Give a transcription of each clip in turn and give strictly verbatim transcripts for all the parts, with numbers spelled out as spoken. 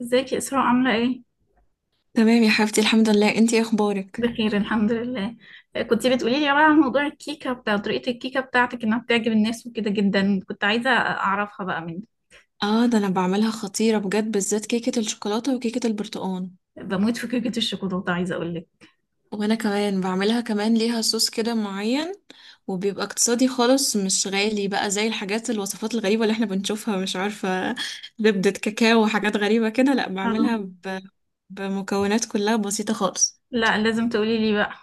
ازيك يا اسراء، عامله ايه؟ تمام يا حبيبتي، الحمد لله. انتي ايه اخبارك؟ بخير، الحمد لله. آه، كنت بتقولي لي بقى عن موضوع الكيكه، بتاع طريقه الكيكه بتاعتك انها بتعجب الناس وكده جدا، كنت عايزه اعرفها بقى من... اه، ده انا بعملها خطيرة بجد، بالذات كيكة الشوكولاتة وكيكة البرتقال. بموت في كيكه الشوكولاته، عايزه اقول لك. وانا كمان بعملها، كمان ليها صوص كده معين، وبيبقى اقتصادي خالص، مش غالي بقى زي الحاجات الوصفات الغريبة اللي احنا بنشوفها، مش عارفة زبدة كاكاو وحاجات غريبة كده. لا، بعملها اه، ب... بمكونات كلها بسيطة خالص. لا، لازم تقولي لي بقى.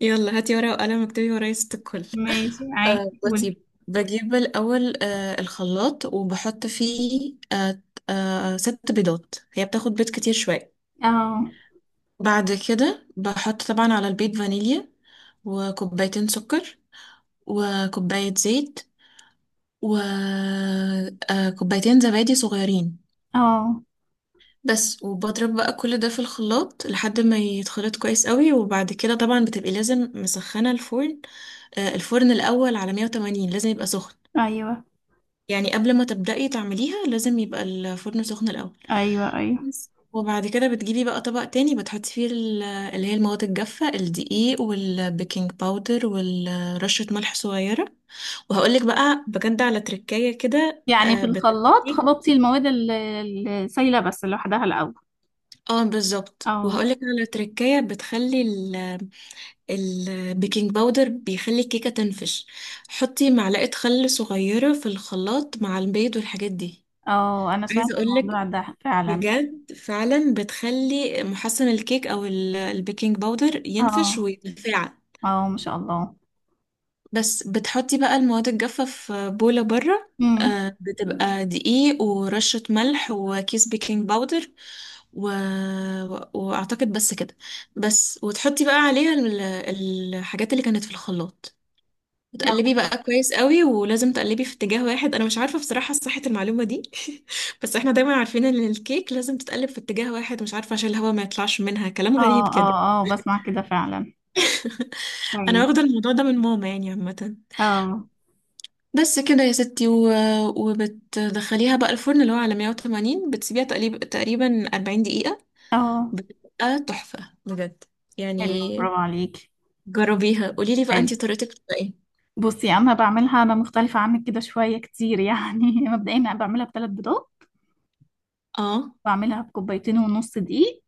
يلا هاتي ورقة وقلم، اكتبي ورايا ست الكل. ماشي، آه عادي، قولي. بصي، بجيب الأول آه الخلاط وبحط فيه آه آه ست بيضات، هي بتاخد بيض كتير شوية. اه، بعد كده بحط طبعا على البيض فانيليا وكوبايتين سكر وكوباية زيت وكوبايتين زبادي صغيرين، اه، بس. وبضرب بقى كل ده في الخلاط لحد ما يتخلط كويس قوي. وبعد كده طبعا بتبقي لازم مسخنة الفرن، آه الفرن الأول على مية وتمانين، لازم يبقى سخن. ايوه، يعني قبل ما تبدأي تعمليها لازم يبقى الفرن سخن الأول، ايوه، ايوه. بس. وبعد كده بتجيبي بقى طبق تاني بتحطي فيه ال- اللي هي المواد الجافة، الدقيق والبيكنج باودر ورشة ملح صغيرة. وهقولك بقى بجد على تركاية كده، يعني آه، في الخلاط بتخلي. خلطتي المواد ال- السايله بس لوحدها الاول؟ اه بالظبط، اه، وهقولك على تركاية، بتخلي ال- البيكنج باودر بيخلي الكيكة تنفش. حطي معلقة خل صغيرة في الخلاط مع البيض والحاجات دي، اه، انا سمعت عايزة اقولك الموضوع ده فعلا. بجد، فعلا بتخلي محسن الكيك او ال- البيكنج باودر ينفش اه، ويتفاعل. اه، ما شاء الله. بس بتحطي بقى المواد الجافة في بولة بره، امم. آه، بتبقى دقيق ورشة ملح وكيس بيكنج باودر و... واعتقد بس كده. بس وتحطي بقى عليها ال- الحاجات اللي كانت في الخلاط. اه، بتقلبي بقى كويس قوي، ولازم تقلبي في اتجاه واحد، انا مش عارفه بصراحه صحه المعلومه دي. بس احنا دايما عارفين ان الكيك لازم تتقلب في اتجاه واحد، مش عارفه عشان الهواء ما يطلعش منها، كلام غريب اه، كده. اه، آه، بسمع كده فعلا. انا طيب. واخده الموضوع ده من ماما يعني، عامه. اه، بس كده يا ستي، و... وبتدخليها بقى الفرن اللي هو على مئة وثمانين، بتسيبيها تقريبا تقريبا أربعين دقيقه. اه. بتبقى تحفه بجد حلو، يعني. برافو عليك. جربيها، قولي لي بقى حلو. انتي طريقتك بتبقى ايه؟ بصي، انا بعملها انا مختلفة عنك كده شوية كتير يعني مبدئيا انا بعملها بثلاث بيضات. اه بعملها بكوبايتين ونص دقيق.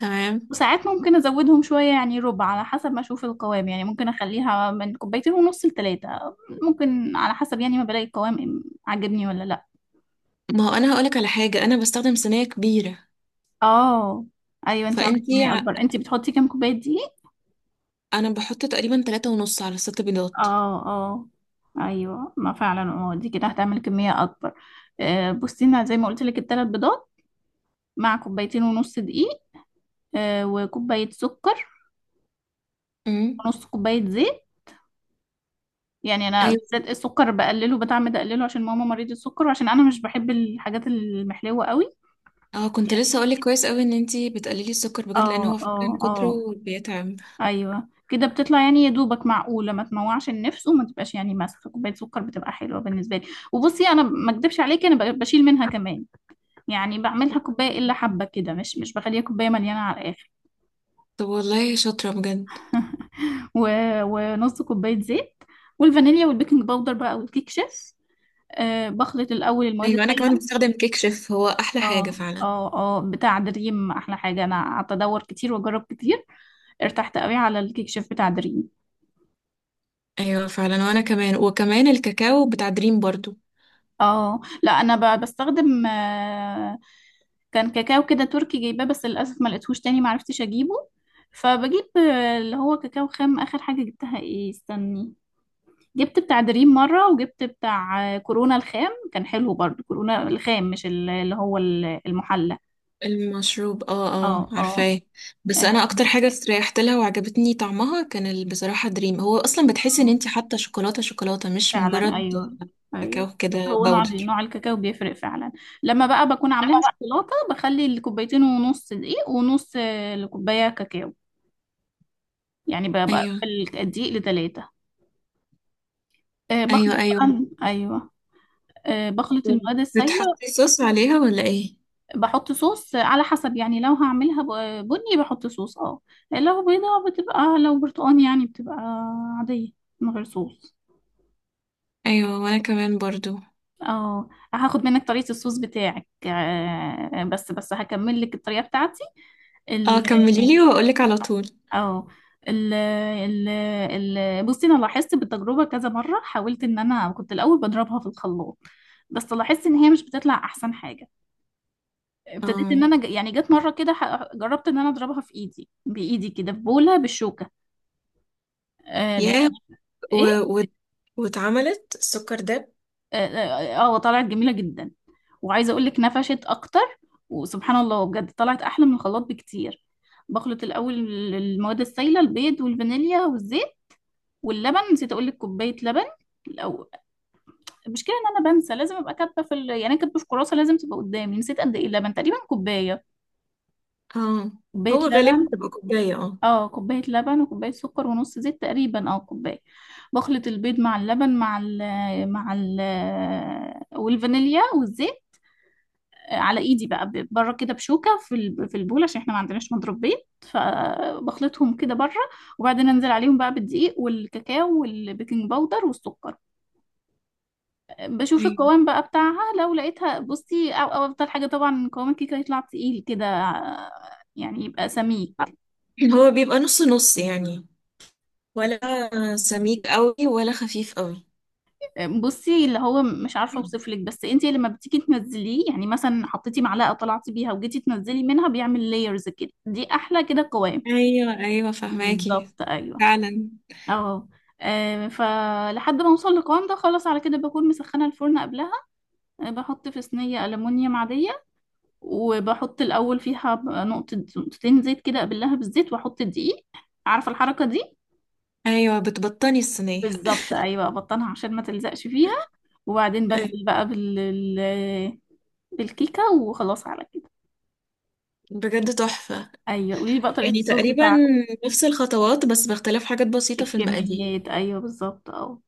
تمام. وساعات ممكن ازودهم شوية يعني ربع، على حسب ما اشوف القوام، يعني ممكن اخليها من كوبايتين ونص لثلاثة. ممكن على حسب، يعني ما بلاقي القوام عاجبني ولا لا. ما هو انا هقولك على حاجه، انا بستخدم صينيه كبيره. اه، ايوه، انت عامله فانتي، كميه اكبر، انت بتحطي كام كوبايه دقيق؟ انا بحط تقريبا تلاتة ونص على ست بيضات. اه، اه. ايوه، ما فعلا اه، دي كده هتعمل كميه اكبر. آه بصي، انا زي ما قلت لك الثلاث بيضات. مع كوبايتين ونص دقيق. آه وكوبايه سكر، امم، ونص كوبايه زيت. يعني انا ايوه. بالذات السكر بقلله، بتعمد اقلله عشان ماما مريضه السكر، وعشان انا مش بحب الحاجات المحلوه قوي. اه، كنت لسه اقولك كويس قوي ان انتي بتقللي السكر اه، بجد، لان هو فعلا اه، من كتره اه، بيتعب. ايوه، كده بتطلع يعني يا دوبك معقوله، ما تموعش النفس وما تبقاش يعني ماسكه كوبايه سكر، بتبقى حلوه بالنسبه لي. وبصي، انا ما اكدبش عليكي، انا ب- بشيل منها كمان. يعني بعملها كوبايه الا حبه كده، مش مش بخليها كوبايه مليانه على الاخر. طب والله شاطرة بجد. و... ونص كوبايه زيت، والفانيليا والبيكنج باودر بقى، والكيك شيف. أه بخلط الاول المواد ايوه، انا كمان السائله. بستخدم كيك شيف، هو احلى حاجة اه، فعلا. اه، اه، بتاع دريم احلى حاجه، انا قعدت ادور كتير واجرب كتير. ارتحت قوي على الكيك شيف بتاع دريم. ايوه فعلا، وانا كمان، وكمان الكاكاو بتاع دريم برضو. اه، لا، انا ب- بستخدم آه، كان كاكاو كده تركي جايباه، بس للأسف ما لقيتهوش تاني، ما عرفتش أجيبه. فبجيب آه، اللي هو كاكاو خام، آخر حاجة جبتها إيه؟ استني. جبت بتاع دريم مرة، وجبت بتاع آه، كورونا الخام، كان حلو برضو. كورونا الخام مش ال- اللي هو ال- المحلى. المشروب، اه اه، اه، اه، عارفاه. بس آه، انا اكتر حاجة استريحت لها وعجبتني طعمها كان ال- بصراحة دريم هو اصلا، بتحسي ان آه، انتي حاطة شوكولاتة شوكولاتة، مش فعلا. مجرد أيوه، أيوه. كاكاو كده هو نوع باودر. نوع الكاكاو بيفرق فعلا. لما بقى بكون عاملاها شوكولاتة بخلي الكوبايتين ونص دقيق، ونص آه، الكوباية كاكاو. يعني بقى بقى ايوه الدقيق لتلاتة. آه، بخلط ايوه ايوه. بقى، ايوه. آه، بخلط المواد السائلة. بتحطي صوص عليها ولا ايه؟ بحط صوص آه، على حسب، يعني لو هعملها ب- بني بحط صوص اه. لو بيضة بتبقى، لو برتقان يعني بتبقى عادية من غير صوص. ايوه وانا كمان برضو. اه، هاخد منك طريقة الصوص بتاعك. آه، بس بس هكمل لك الطريقة بتاعتي. اه ال كمليلي واقولك على طول. اه آه، ال ال ال بصي، انا لاحظت بالتجربه كذا مره، حاولت ان انا كنت الاول بضربها في الخلاط، بس لاحظت ان هي مش بتطلع احسن حاجه. ابتديت ان اه، انا ج- يعني جت مره كده ح- جربت ان انا اضربها في ايدي بايدي كده في بوله بالشوكه. آه، لا، يا، و... ايه، و... واتعملت السكر داب. اه، آه، آه، طلعت جميله جدا. وعايزه اقول لك، نفشت اكتر. وسبحان الله بجد طلعت احلى من الخلاط بكتير. بخلط الاول المواد السائله: البيض والفانيليا والزيت واللبن. نسيت اقول لك كوبايه لبن الأول. المشكله ان انا بنسى، لازم ابقى كاتبه في ال... يعني أنا كاتبه في كراسه لازم تبقى قدامي. نسيت قد ايه اللبن، تقريبا كوبايه. اه، كوبايه هو غالبا لبن. بتبقى كوباية اه. اه، كوباية لبن وكوباية سكر ونص زيت تقريبا او كوباية. بخلط البيض مع اللبن مع ال مع ال والفانيليا والزيت. آه، على ايدي بقى ب- بره كده بشوكة في ال- في البول، عشان احنا ما عندناش مضرب بيض، فبخلطهم كده بره. وبعدين انزل عليهم بقى بالدقيق والكاكاو والبيكنج باودر والسكر. بشوف أيوة. القوام بقى بتاعها، لو لقيتها بصي، او او افضل حاجة طبعا قوام الكيكة يطلع تقيل كده. آه، يعني يبقى سميك. هو بيبقى نص نص يعني، ولا سميك قوي ولا خفيف قوي؟ بصي، اللي هو مش عارفه اوصف لك، بس انت لما بتيجي تنزليه يعني، مثلا حطيتي معلقه طلعتي بيها وجيتي تنزلي منها، بيعمل لايرز كده، دي احلى كده قوام. ايوه ايوه، فهماكي، بالظبط، ايوه. فعلا. اهو. آه، فلحد ما اوصل للقوام ده خلاص، على كده بكون مسخنه الفرن قبلها. آه، بحط في صينيه الومنيوم عاديه، وبحط الاول فيها ب- نقطه نقطتين زيت كده، قبلها بالزيت واحط الدقيق. عارفه الحركه دي؟ ايوه، بتبطني الصينيه. بالظبط، ايوه، ابطنها عشان ما تلزقش فيها. وبعدين أيوة. بنزل بقى بال بالكيكة، وخلاص على كده. بجد تحفة. أيوة، قولي لي بقى طريقة يعني الصوص تقريبا بتاعتك. نفس الخطوات، بس باختلاف حاجات بسيطة في المقادير. الكميات، أيوة، بالظبط أه.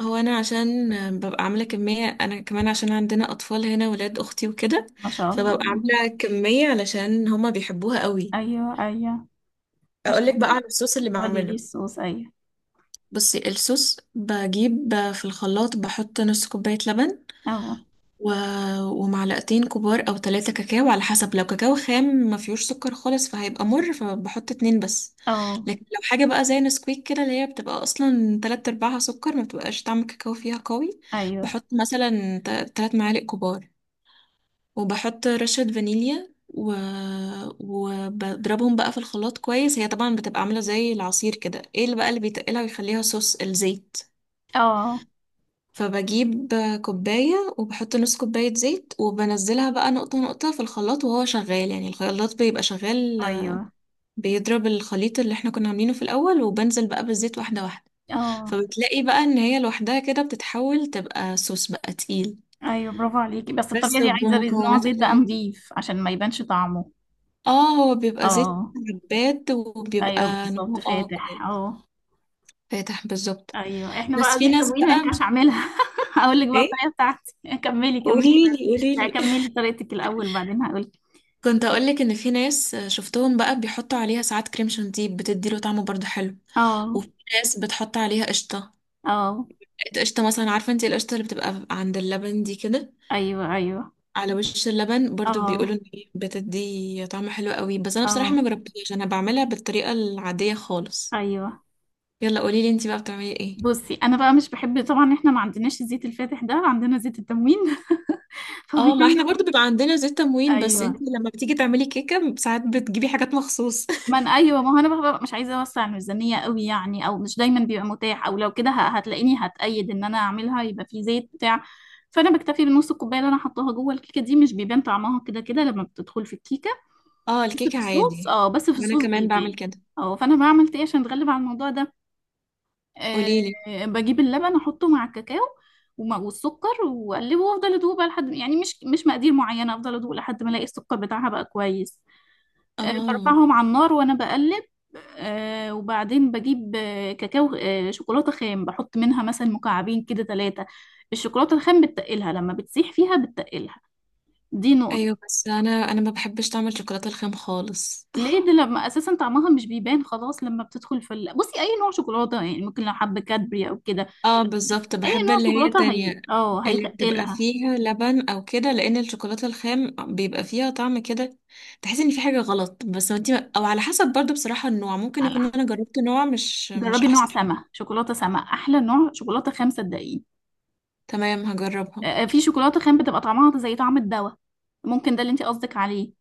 هو أنا عشان ببقى عاملة كمية، أنا كمان عشان عندنا أطفال هنا، ولاد أختي وكده، ما شاء فببقى الله. عاملة كمية علشان هما بيحبوها قوي. أيوة، أيوة. ما شاء أقولك بقى الله. على الصوص اللي قولي لي بعمله. الصوص، أيوة. بصي، الصوص بجيب في الخلاط، بحط نص كوباية لبن أه، و... ومعلقتين كبار او ثلاثة كاكاو، على حسب، لو كاكاو خام ما فيهوش سكر خالص فهيبقى مر، فبحط اتنين بس. أه، لكن لو حاجة بقى زي نسكويك كده اللي هي بتبقى اصلا تلات ارباعها سكر، ما بتبقاش طعم الكاكاو فيها قوي، أيوة، بحط مثلا ت- تلات معالق كبار. وبحط رشة فانيليا و... وبضربهم بقى في الخلاط كويس. هي طبعا بتبقى عاملة زي العصير كده، ايه اللي بقى اللي بيتقلها ويخليها صوص؟ الزيت. أه، فبجيب كوباية وبحط نص كوباية زيت، وبنزلها بقى نقطة نقطة في الخلاط وهو شغال، يعني الخلاط بيبقى شغال، أيوة، بيضرب الخليط اللي احنا كنا عاملينه في الأول، وبنزل بقى بالزيت واحدة واحدة. أه، فبتلاقي بقى ان هي لوحدها كده بتتحول، تبقى صوص بقى تقيل، أيوة، برافو عليكي. بس الطريقة بس دي عايزة نوع بمكونات زيت بقى قليلة. نضيف عشان ما يبانش طعمه. اه، هو بيبقى زيت أه، زباد، أيوة، وبيبقى بالظبط، نوعه اه فاتح كويس، أه. فاتح بالظبط. أيوة، إحنا بس بقى دي في ناس التموين، ما بقى. ينفعش أعملها. هقول لك بقى ايه؟ الطريقة بتاعتي. كملي، كملي. بس. قوليلي لا، قوليلي. كملي طريقتك الأول، بعدين هقول. كنت اقولك ان في ناس شفتهم بقى بيحطوا عليها ساعات كريم شانتيه، بتدي له طعمه برضو حلو. اه، وفي ناس بتحط عليها قشطه. اه، قشطه، مثلا عارفه انت القشطه اللي بتبقى عند اللبن دي كده، ايوه، ايوه، على وش اللبن، برضو بيقولوا اه، ان هي بتدي طعم حلو قوي، بس انا بصراحه اه، ما جربتهاش، انا بعملها بالطريقه العاديه خالص. ايوه. يلا قوليلي انت بقى بتعملي ايه. بصي، انا بقى مش بحب طبعا، احنا ما عندناش الزيت الفاتح ده، عندنا زيت التموين. اه، ما احنا فبيطلع... برضو بيبقى عندنا زيت تموين، بس ايوه، انت لما بتيجي تعملي كيكه ساعات بتجيبي حاجات مخصوص. ما انا ايوه، ما هو انا ببقى مش عايزه اوسع الميزانيه قوي يعني، او مش دايما بيبقى متاح، او لو كده ه- هتلاقيني هتأيد ان انا اعملها يبقى في زيت بتاع... فانا بكتفي بنص الكوبايه اللي انا حطاها جوه الكيكه، دي مش بيبان طعمها كده كده لما بتدخل في الكيكه. اه، بس في الكيكه الصوص، عادي، اه، بس في وانا الصوص كمان بيبان. بعمل كده. اه، فانا بعمل ايه عشان اتغلب على الموضوع ده؟ آه، قوليلي. بجيب اللبن احطه مع الكاكاو، وم- والسكر، واقلبه وافضل ادوق بقى لحد يعني، مش مش مقادير معينه، افضل ادوق لحد ما الاقي السكر بتاعها بقى كويس. آه، اه برفعهم على النار وانا بقلب. آه، وبعدين بجيب آه، كاكاو، آه، شوكولاته خام، بحط منها مثلا مكعبين كده، ثلاثه. الشوكولاته الخام بتتقلها، لما بتسيح فيها بتتقلها. دي نقطة. ايوه. بس انا انا ما بحبش طعم الشوكولاته الخام خالص. ليه؟ دي لما أساسا طعمها مش بيبان خلاص لما بتدخل في ال... بصي، أي نوع شوكولاتة يعني، ممكن لو حبة كادبري أو كده. اه بالظبط، أي بحب نوع اللي هي شوكولاتة هي التانية، اه، اللي بتبقى هيتقلها. فيها لبن او كده، لان الشوكولاته الخام بيبقى فيها طعم كده، تحس ان في حاجه غلط، بس انت او على حسب برضو بصراحه النوع ممكن على يكون اللحمة. انا جربت نوع مش مش جربي نوع احسن حاجه. سما، شوكولاتة سما أحلى نوع شوكولاتة خام، صدقيني. تمام آه، هجربها. آه، في شوكولاتة خام بتبقى طعمها زي طعم الدواء. ممكن ده اللي انت قصدك عليه.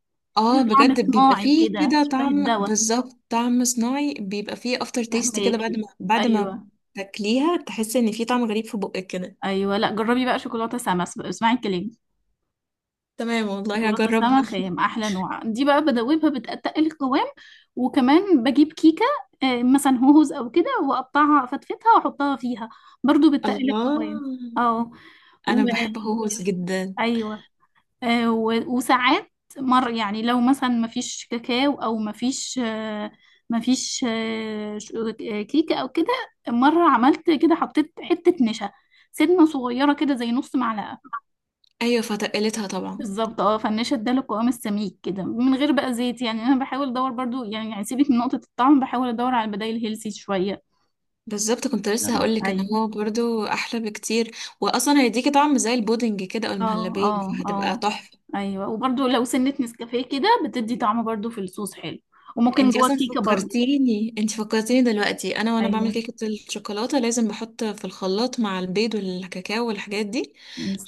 في اه طعم بجد، بيبقى صناعي فيه كده كده شبه طعم، الدواء. بالظبط طعم صناعي، بيبقى فيه افتر تيست كده، بعد ما فهماكي؟ بعد ما أيوه، تاكليها تحس ان في طعم غريب في بقك كده. أيوه، لا، جربي بقى شوكولاتة سما، اس- اسمعي كلامي. تمام والله شوكولاتة هجربها. سما خام أحلى نوع، دي بقى بدوبها، بتقل القوام. وكمان بجيب كيكة آه، مثلا هوز أو كده، وأقطعها أفتفتها وأحطها فيها. برضو بتقل الله، القوام. اه. و... انا بحب هوس جدا. ايوه. آه، و- وساعات مر يعني، لو مثلا مفيش كاكاو او مفيش آه، مفيش آه، ش- آه، كيكه او كده. مره عملت كده، حطيت حته نشا. سنه صغيره كده، زي نص معلقه. ايوه فتقلتها طبعا. بالظبط، اه، فالنشا اداله القوام السميك كده من غير بقى زيت، يعني انا بحاول ادور برضو يعني يعني سيبك من نقطه الطعم، بحاول ادور على البدائل هيلسي شويه. بالظبط، كنت لسه آه، هقولك ان ايوه. هو برضو احلى بكتير، واصلا هيديكي طعم زي البودنج كده او اه، المهلبية، اه، فهتبقى اه، تحفة. ايوه. وبرضو لو سنه نسكافيه كده، بتدي طعم برضو في الصوص حلو. وممكن انتي جوه اصلا كيكه برضو. فكرتيني، انتي فكرتيني دلوقتي، انا وانا ايوه، بعمل كيكه الشوكولاته لازم بحط في الخلاط مع البيض والكاكاو والحاجات دي،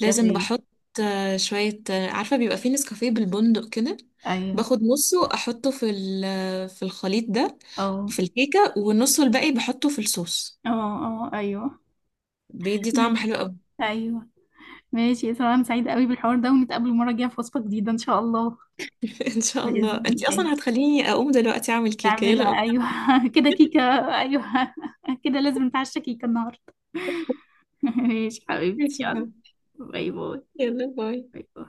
لازم بحط، آه، شويه، آه، عارفه بيبقى فيه نسكافيه بالبندق كده، ايوه، باخد نصه احطه في ال- في الخليط ده، او، في الكيكه، والنص الباقي بحطه في الصوص، اه، اه، ايوه، بيدي طعم حلو ماشي، قوي. ايوه. ماشي، يا سلام، أنا سعيدة قوي بالحوار ده، ونتقابل المرة الجاية في وصفة جديدة ان شاء الله. ان شاء الله. بإذن انتي الله. اصلا هتخليني اقوم دلوقتي اعمل كيكه، يلا نعملها، نقوم. ايوه. كده كيكة. ايوه. كده لازم نتعشى كيكة النهاردة. ماشي نعمل- حبيبتي، ماشي يا يلا. حبيبي. باي باي، يلا باي. باي باي.